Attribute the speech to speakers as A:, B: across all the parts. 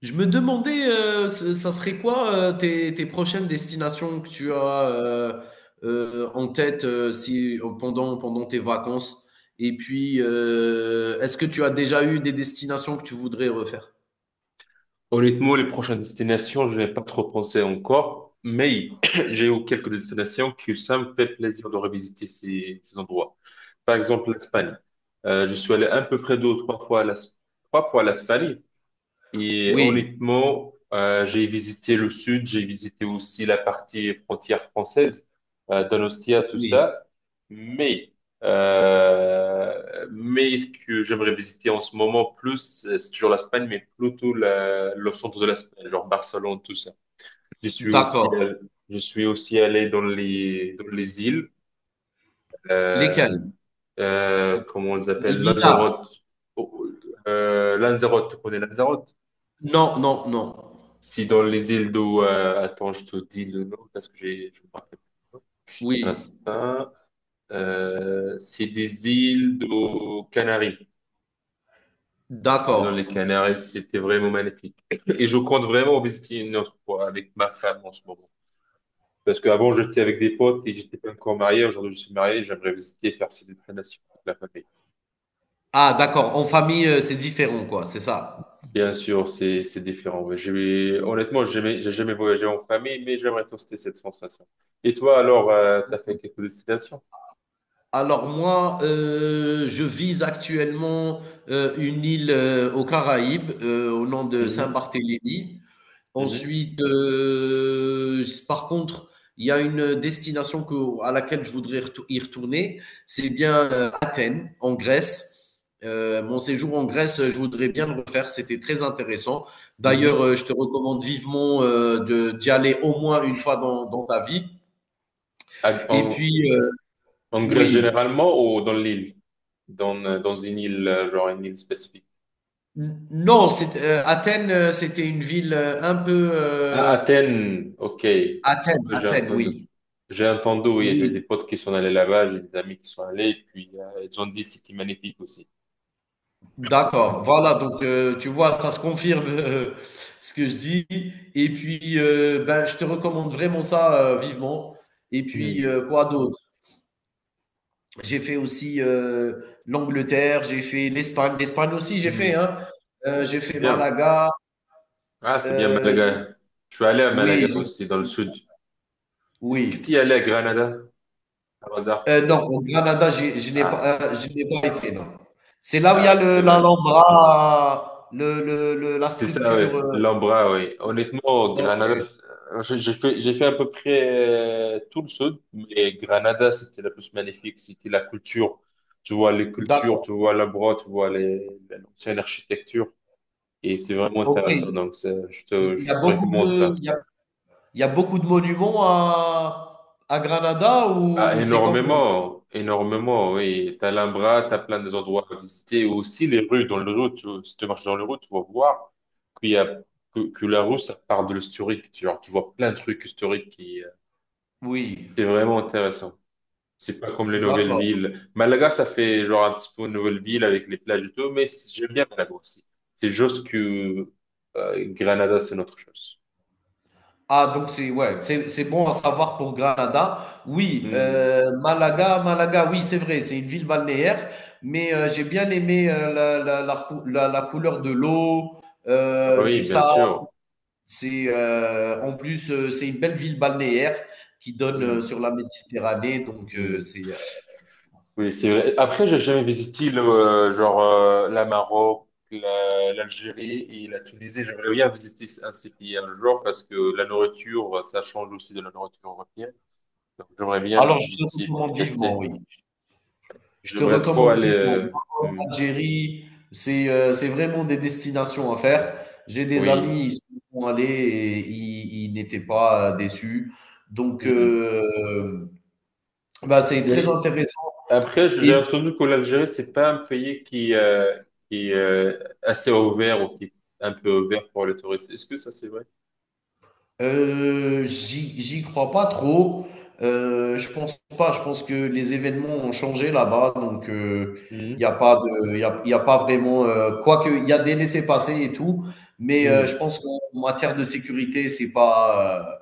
A: Je me demandais, ça serait quoi tes prochaines destinations que tu as euh, en tête si, pendant tes vacances? Et puis, est-ce que tu as déjà eu des destinations que tu voudrais refaire?
B: Honnêtement, les prochaines destinations, je n'ai pas trop pensé encore, mais j'ai eu quelques destinations que ça me fait plaisir de revisiter ces endroits. Par exemple, l'Espagne. Je suis allé à peu près deux ou trois fois trois fois à l'Espagne. Et
A: Oui,
B: honnêtement, j'ai visité le sud, j'ai visité aussi la partie frontière française, Donostia, tout
A: oui,
B: ça. Mais, mais ce que j'aimerais visiter en ce moment plus, c'est toujours l'Espagne, mais plutôt le centre de l'Espagne, genre Barcelone, tout ça. Je suis aussi,
A: d'accord.
B: allé- je suis aussi allé dans les îles, euh,
A: Lesquelles?
B: comment on les appelle,
A: Ibiza?
B: Lanzarote. Oh, Lanzarote, tu connais Lanzarote?
A: Non, non, non.
B: Si dans les îles d'eau, attends, je te dis le nom parce que je me rappelle pas. Un
A: Oui,
B: instant. C'est des îles d'eau Canaries. Je suis dans
A: d'accord.
B: les Canaries, c'était vraiment magnifique. Et je compte vraiment visiter une autre fois avec ma femme en ce moment. Parce qu'avant, j'étais avec des potes et j'étais pas encore marié. Aujourd'hui, je suis marié, j'aimerais visiter, faire ces destinations avec la famille.
A: Ah, d'accord, en famille, c'est différent quoi, c'est ça?
B: Bien sûr, c'est différent. Mais honnêtement, j'ai jamais voyagé en famille, mais j'aimerais tester cette sensation. Et toi, alors, t'as fait quelques destinations?
A: Alors moi, je vise actuellement une île, aux Caraïbes, au nom de
B: Mhm,
A: Saint-Barthélemy.
B: mhm,
A: Ensuite, s par contre, il y a une destination que à laquelle je voudrais retou y retourner, c'est bien, Athènes, en Grèce. Mon séjour en Grèce, je voudrais bien le refaire, c'était très intéressant. D'ailleurs,
B: mhm.
A: je te recommande vivement, de d'y aller au moins une fois dans ta vie. Et
B: En,
A: puis,
B: en Grèce
A: oui.
B: généralement ou dans l'île? Dans, dans une île, genre une île spécifique.
A: Non, Athènes, c'était une ville un peu,
B: À Athènes, ok. Ouais,
A: Athènes,
B: ouais, j'ai
A: Athènes,
B: entendu.
A: oui.
B: J'ai entendu, oui, j'ai des
A: Oui,
B: potes qui sont allés là-bas, j'ai des amis qui sont allés, et puis ils ont dit c'était magnifique aussi.
A: d'accord. Voilà, donc tu vois, ça se confirme, ce que je dis. Et puis, ben, je te recommande vraiment ça, vivement. Et puis,
B: Mhm,
A: quoi d'autre? J'ai fait aussi l'Angleterre, j'ai fait l'Espagne. L'Espagne aussi, j'ai fait,
B: mhm.
A: hein. J'ai fait
B: Bien.
A: Malaga.
B: Ah, c'est bien,
A: euh, j'ai-
B: Malaga. Je suis allé à
A: oui,
B: Malaga aussi, dans le sud. Est-ce que tu y
A: oui.
B: allais à Granada, par hasard?
A: Non, au Granada,
B: Ah,
A: je n'ai pas été, non. C'est là où il y a
B: ah c'est dommage.
A: l'Alhambra, la
B: C'est ça,
A: structure.
B: ouais. L'Ambra, oui. Honnêtement, Granada,
A: Ok,
B: c'est- je- j'ai fait à peu près tout le sud, mais Granada, c'était la plus magnifique. C'était la culture. Tu vois les cultures, tu
A: d'accord.
B: vois l'Ambra, tu vois l'ancienne architecture. Et c'est vraiment
A: Ok,
B: intéressant.
A: il
B: Donc,
A: il
B: je
A: y
B: te
A: a
B: recommande ça.
A: il y a beaucoup de monuments à Granada,
B: Ah,
A: ou c'est comment?
B: énormément, énormément, oui. T'as l'Alhambra, t'as plein des endroits à visiter, aussi les rues, dans le rue, tu, si tu marches dans le rue, tu vas voir qu'il y a, que la rue, ça part de l'historique, tu, genre, tu vois plein de trucs historiques qui
A: Oui,
B: c'est vraiment intéressant. C'est pas comme les nouvelles
A: d'accord.
B: villes. Malaga, ça fait genre un petit peu une nouvelle ville avec les plages et tout, mais j'aime bien Malaga aussi. C'est juste que, Granada, c'est notre chose.
A: Ah, donc c'est, ouais, c'est bon à savoir pour Granada. Oui,
B: Hmm.
A: Malaga, oui, c'est vrai, c'est une ville balnéaire, mais j'ai bien aimé la couleur de l'eau,
B: Ah oui,
A: du
B: bien
A: sable.
B: sûr.
A: C'est en plus, c'est une belle ville balnéaire qui donne
B: Hmm.
A: sur la Méditerranée, donc
B: Hmm.
A: c'est.
B: Oui, c'est vrai. Après, j'ai jamais visité genre la Maroc, l'Algérie et la Tunisie. J'aimerais bien visiter un de ces pays un jour parce que la nourriture, ça change aussi de la nourriture européenne. Donc, j'aimerais bien
A: Alors je te
B: visiter puis
A: recommande vivement,
B: tester.
A: oui. Je te
B: J'aimerais trop
A: recommande
B: aller.
A: vivement Maroc, Algérie, c'est vraiment des destinations à faire. J'ai des
B: Oui.
A: amis, ils sont allés et ils n'étaient pas, déçus. Donc,
B: Hmm.
A: bah, c'est très
B: Mais
A: intéressant.
B: après,
A: Et
B: j'ai entendu que l'Algérie, c'est pas un pays qui est assez ouvert ou qui est un peu ouvert pour les touristes. Est-ce que ça, c'est vrai?
A: j'y crois pas trop. Je pense pas. Je pense que les événements ont changé là-bas, donc il
B: Hmm.
A: n'y a pas de, il y a, y a pas vraiment. Quoique il y a des laissés-passer et tout, mais je
B: Hmm.
A: pense qu'en matière de sécurité, c'est pas.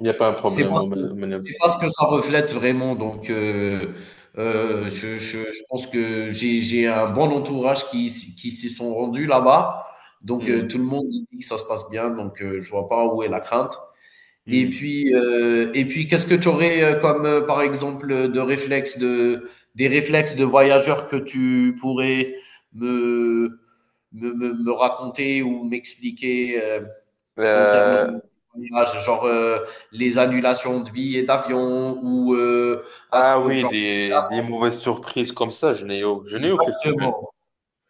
B: Il n'y a pas un
A: C'est
B: problème, au
A: parce que
B: Maroc.
A: c'est parce que ça reflète vraiment, donc
B: Hmm.
A: je pense que j'ai un bon entourage qui s'y sont rendus là-bas, donc tout
B: Hmm.
A: le monde dit que ça se passe bien, donc je vois pas où est la crainte. et
B: Mhm.
A: puis, heu et puis qu'est-ce que tu aurais, comme, par exemple, de réflexes de des réflexes de voyageurs que tu pourrais me me raconter ou m'expliquer, concernant
B: Euh,
A: les voyages, genre, les annulations de billets d'avion ou
B: ah oui,
A: genre,
B: des mauvaises surprises comme ça, je n'ai eu quelques-unes.
A: exactement,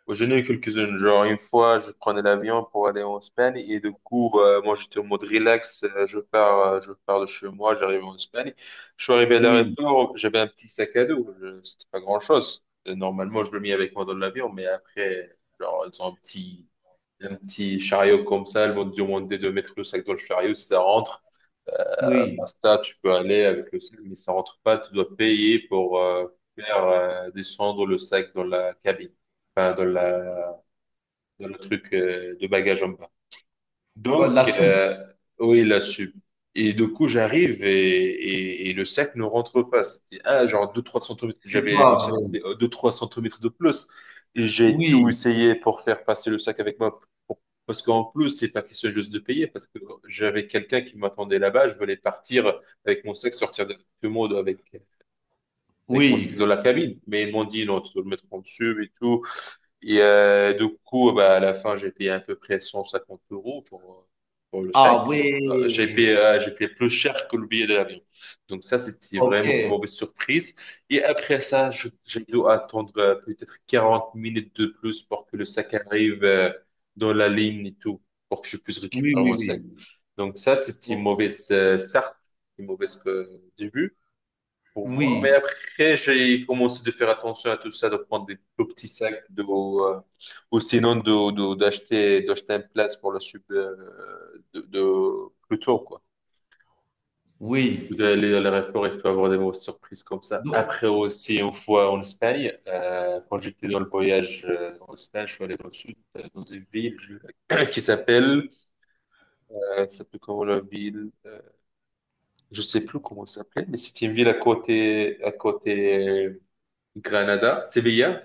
B: Je n'ai eu quelques-unes. Genre, une fois, je prenais l'avion pour aller en Espagne et du coup, moi, j'étais en mode relax. Euh, je pars de chez moi, j'arrive en Espagne. Je suis arrivé à
A: oui,
B: l'aéroport, j'avais un petit sac à dos. C'était pas grand-chose. Normalement, je le mets avec moi dans l'avion, mais après, genre, ils ont un petit chariot comme ça. Ils vont te demander de mettre le sac dans le chariot si ça rentre.
A: oui.
B: Insta, tu peux aller avec le sac, mais ça rentre pas. Tu dois payer pour faire descendre le sac dans la cabine, enfin, dans la, dans le truc de bagage en bas.
A: Oh, la
B: Donc,
A: soupe,
B: oui, là sup. Et du coup, j'arrive et le sac ne rentre pas. C'était ah, genre 2-3 centimètres.
A: c'est
B: J'avais mon
A: pas
B: sac
A: vrai.
B: était 2-3 centimètres de plus. Et j'ai tout
A: Oui,
B: essayé pour faire passer le sac avec moi. Pour- Parce qu'en plus, c'est pas question juste de payer. Parce que j'avais quelqu'un qui m'attendait là-bas. Je voulais partir avec mon sac, sortir directement avec mon sac dans
A: oui.
B: la cabine. Mais ils m'ont dit, non, tu dois le mettre en dessus et tout. Et du coup, bah, à la fin, j'ai payé à peu près 150 euros pour le
A: Ah
B: sac. Juste, j'ai
A: oui,
B: payé, j'ai payé plus cher que le billet de l'avion. Donc ça, c'était vraiment une
A: ok.
B: mauvaise surprise. Et après ça, j'ai dû attendre peut-être 40 minutes de plus pour que le sac arrive dans la ligne et tout, pour que je puisse
A: Oui,
B: récupérer
A: oui,
B: mon sac.
A: oui.
B: Donc ça, c'était une
A: O-
B: mauvaise start, une mauvaise début pour moi. Mais
A: Oui,
B: après, j'ai commencé de faire attention à tout ça, de prendre des tout petits sacs ou sinon d'acheter, d'acheter un place pour la soupe de plus tôt, quoi.
A: oui.
B: D'aller à l'aéroport et de avoir des mauvaises surprises comme ça.
A: Do-
B: Après aussi, une fois en Espagne, quand j'étais dans le voyage en Espagne, je suis allé dans le sud, dans une ville qui s'appelle, ça s'appelle comment la ville? Je sais plus comment ça s'appelait, mais c'était une ville à côté Granada, Séville.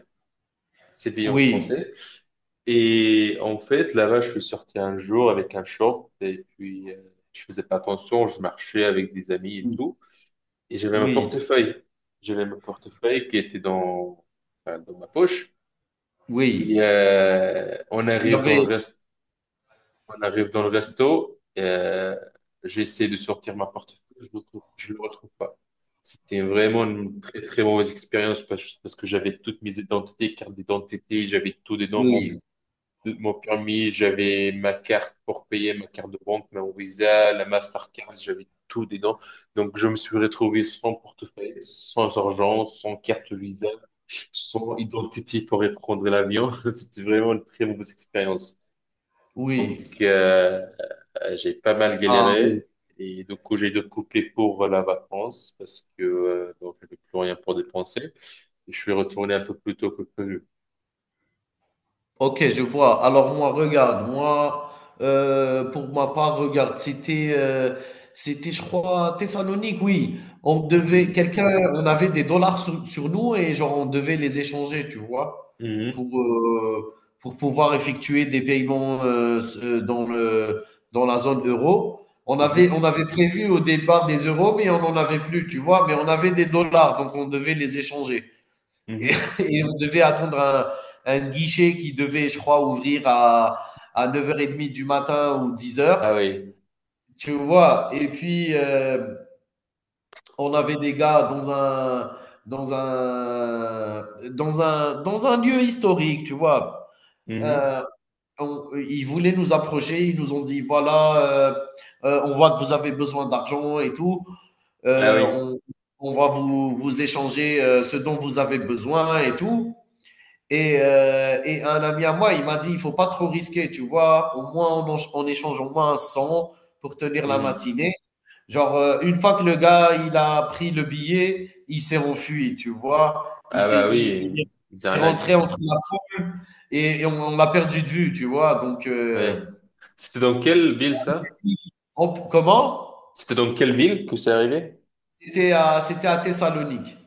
B: C'est payé en
A: oui,
B: français. Et en fait, là-bas, je suis sorti un jour avec un short et puis je faisais pas attention, je marchais avec des amis et tout. Et j'avais mon
A: oui,
B: portefeuille. J'avais mon portefeuille qui était dans, enfin, dans ma poche. Et
A: oui. Il y avait
B: on arrive dans le resto. J'essaie de sortir ma portefeuille, je le retrouve pas. C'était vraiment une très très mauvaise expérience parce que j'avais toutes mes identités, carte d'identité, j'avais tout dedans, mon
A: Oui,
B: de mon permis, j'avais ma carte pour payer, ma carte de banque, ma Visa, la Mastercard, j'avais tout dedans. Donc, je me suis retrouvé sans portefeuille, sans argent, sans carte Visa, sans identité pour prendre l'avion. C'était vraiment une très mauvaise expérience. Donc,
A: oui.
B: j'ai pas mal
A: Ah oui.
B: galéré. Et du coup, j'ai dû couper pour la vacance parce que donc, je n'avais plus rien pour dépenser. Et je suis retourné un peu plus tôt que prévu.
A: Ok, je vois. Alors moi, regarde, moi, pour ma part, regarde, c'était, je crois, Thessalonique, oui. On devait
B: Mhm,
A: quelqu'un on avait des dollars sur nous et genre, on devait les échanger, tu vois?
B: mhm,
A: Pour, heu, pour pouvoir effectuer des paiements, s dans le dans la zone euro. On avait
B: mhm,
A: on avait prévu au départ des euros, mais on n'en avait plus, tu vois? Mais on avait des dollars, donc on devait les échanger. Et,
B: mhm.
A: et on devait attendre un guichet qui devait, je crois, ouvrir à 9h30 du matin ou dix
B: Ah
A: heures
B: oui.
A: Tu vois, et puis, on avait des gars dans un, dans un lieu historique, tu vois.
B: Mhm.
A: Euh, Ils voulaient nous approcher, ils nous ont dit voilà, on voit que vous avez besoin d'argent et tout.
B: Ah
A: Euh,
B: oui.
A: on, on va vous échanger, ce dont vous avez besoin et tout. Et un ami à moi, il m'a dit, il faut pas trop risquer, tu vois. Au moins, on échange au moins un 100 pour tenir la
B: Mhm.
A: matinée. Genre, une fois que le gars, il a pris le billet, il s'est enfui, tu vois. Il
B: Ah
A: s'est,
B: bah
A: il,
B: oui,
A: il est
B: Jarnac.
A: rentré entre la foule, et on l'a perdu de vue, tu vois. Donc,
B: Oui. C'était dans quelle ville ça?
A: comment?
B: C'était dans quelle ville que c'est arrivé?
A: C'était à Thessalonique.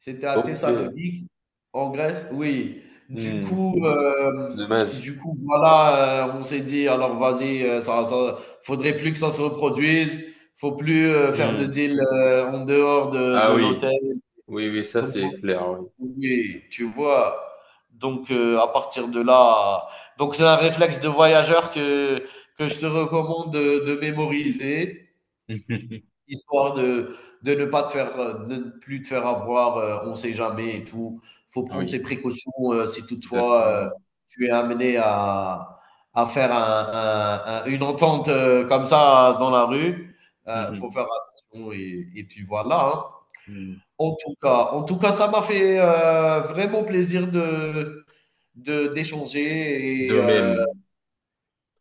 A: C'était à
B: Ok.
A: Thessalonique, en Grèce, oui. Du
B: Hmm.
A: coup, euh,
B: Dommage.
A: du coup, voilà, on s'est dit, alors vas-y, ça, faudrait plus que ça se reproduise, faut plus, faire de
B: Hmm.
A: deal, en dehors de
B: Ah
A: l'hôtel.
B: oui. Oui, oui, ça
A: Donc,
B: c'est clair, oui.
A: oui, tu vois. Donc, à partir de là, donc c'est un réflexe de voyageur que je te recommande de mémoriser. Histoire de ne pas te faire, de ne plus te faire avoir, on sait jamais et tout. Faut
B: Mhm.
A: prendre ses
B: Oui,
A: précautions, si toutefois,
B: exactement.
A: tu es amené à faire un une entente, comme ça dans la rue. Faut
B: Mhm.
A: faire attention, et puis voilà, hein.
B: Mhm.
A: En tout cas, ça m'a fait, vraiment plaisir de d'échanger et
B: De même.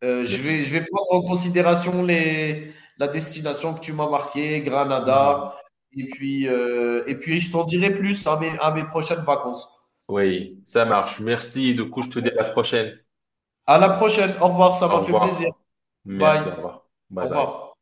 A: je vais, je
B: Merci.
A: vais prendre en considération la destination que tu m'as marquée, Granada.
B: Mhm.
A: Et puis, je t'en dirai plus à mes prochaines vacances.
B: Oui, ça marche. Merci. Du coup, je te dis à la prochaine.
A: À la prochaine. Au revoir. Ça
B: Au
A: m'a fait plaisir.
B: revoir.
A: Bye.
B: Merci, au revoir. Bye
A: Au
B: bye.
A: revoir.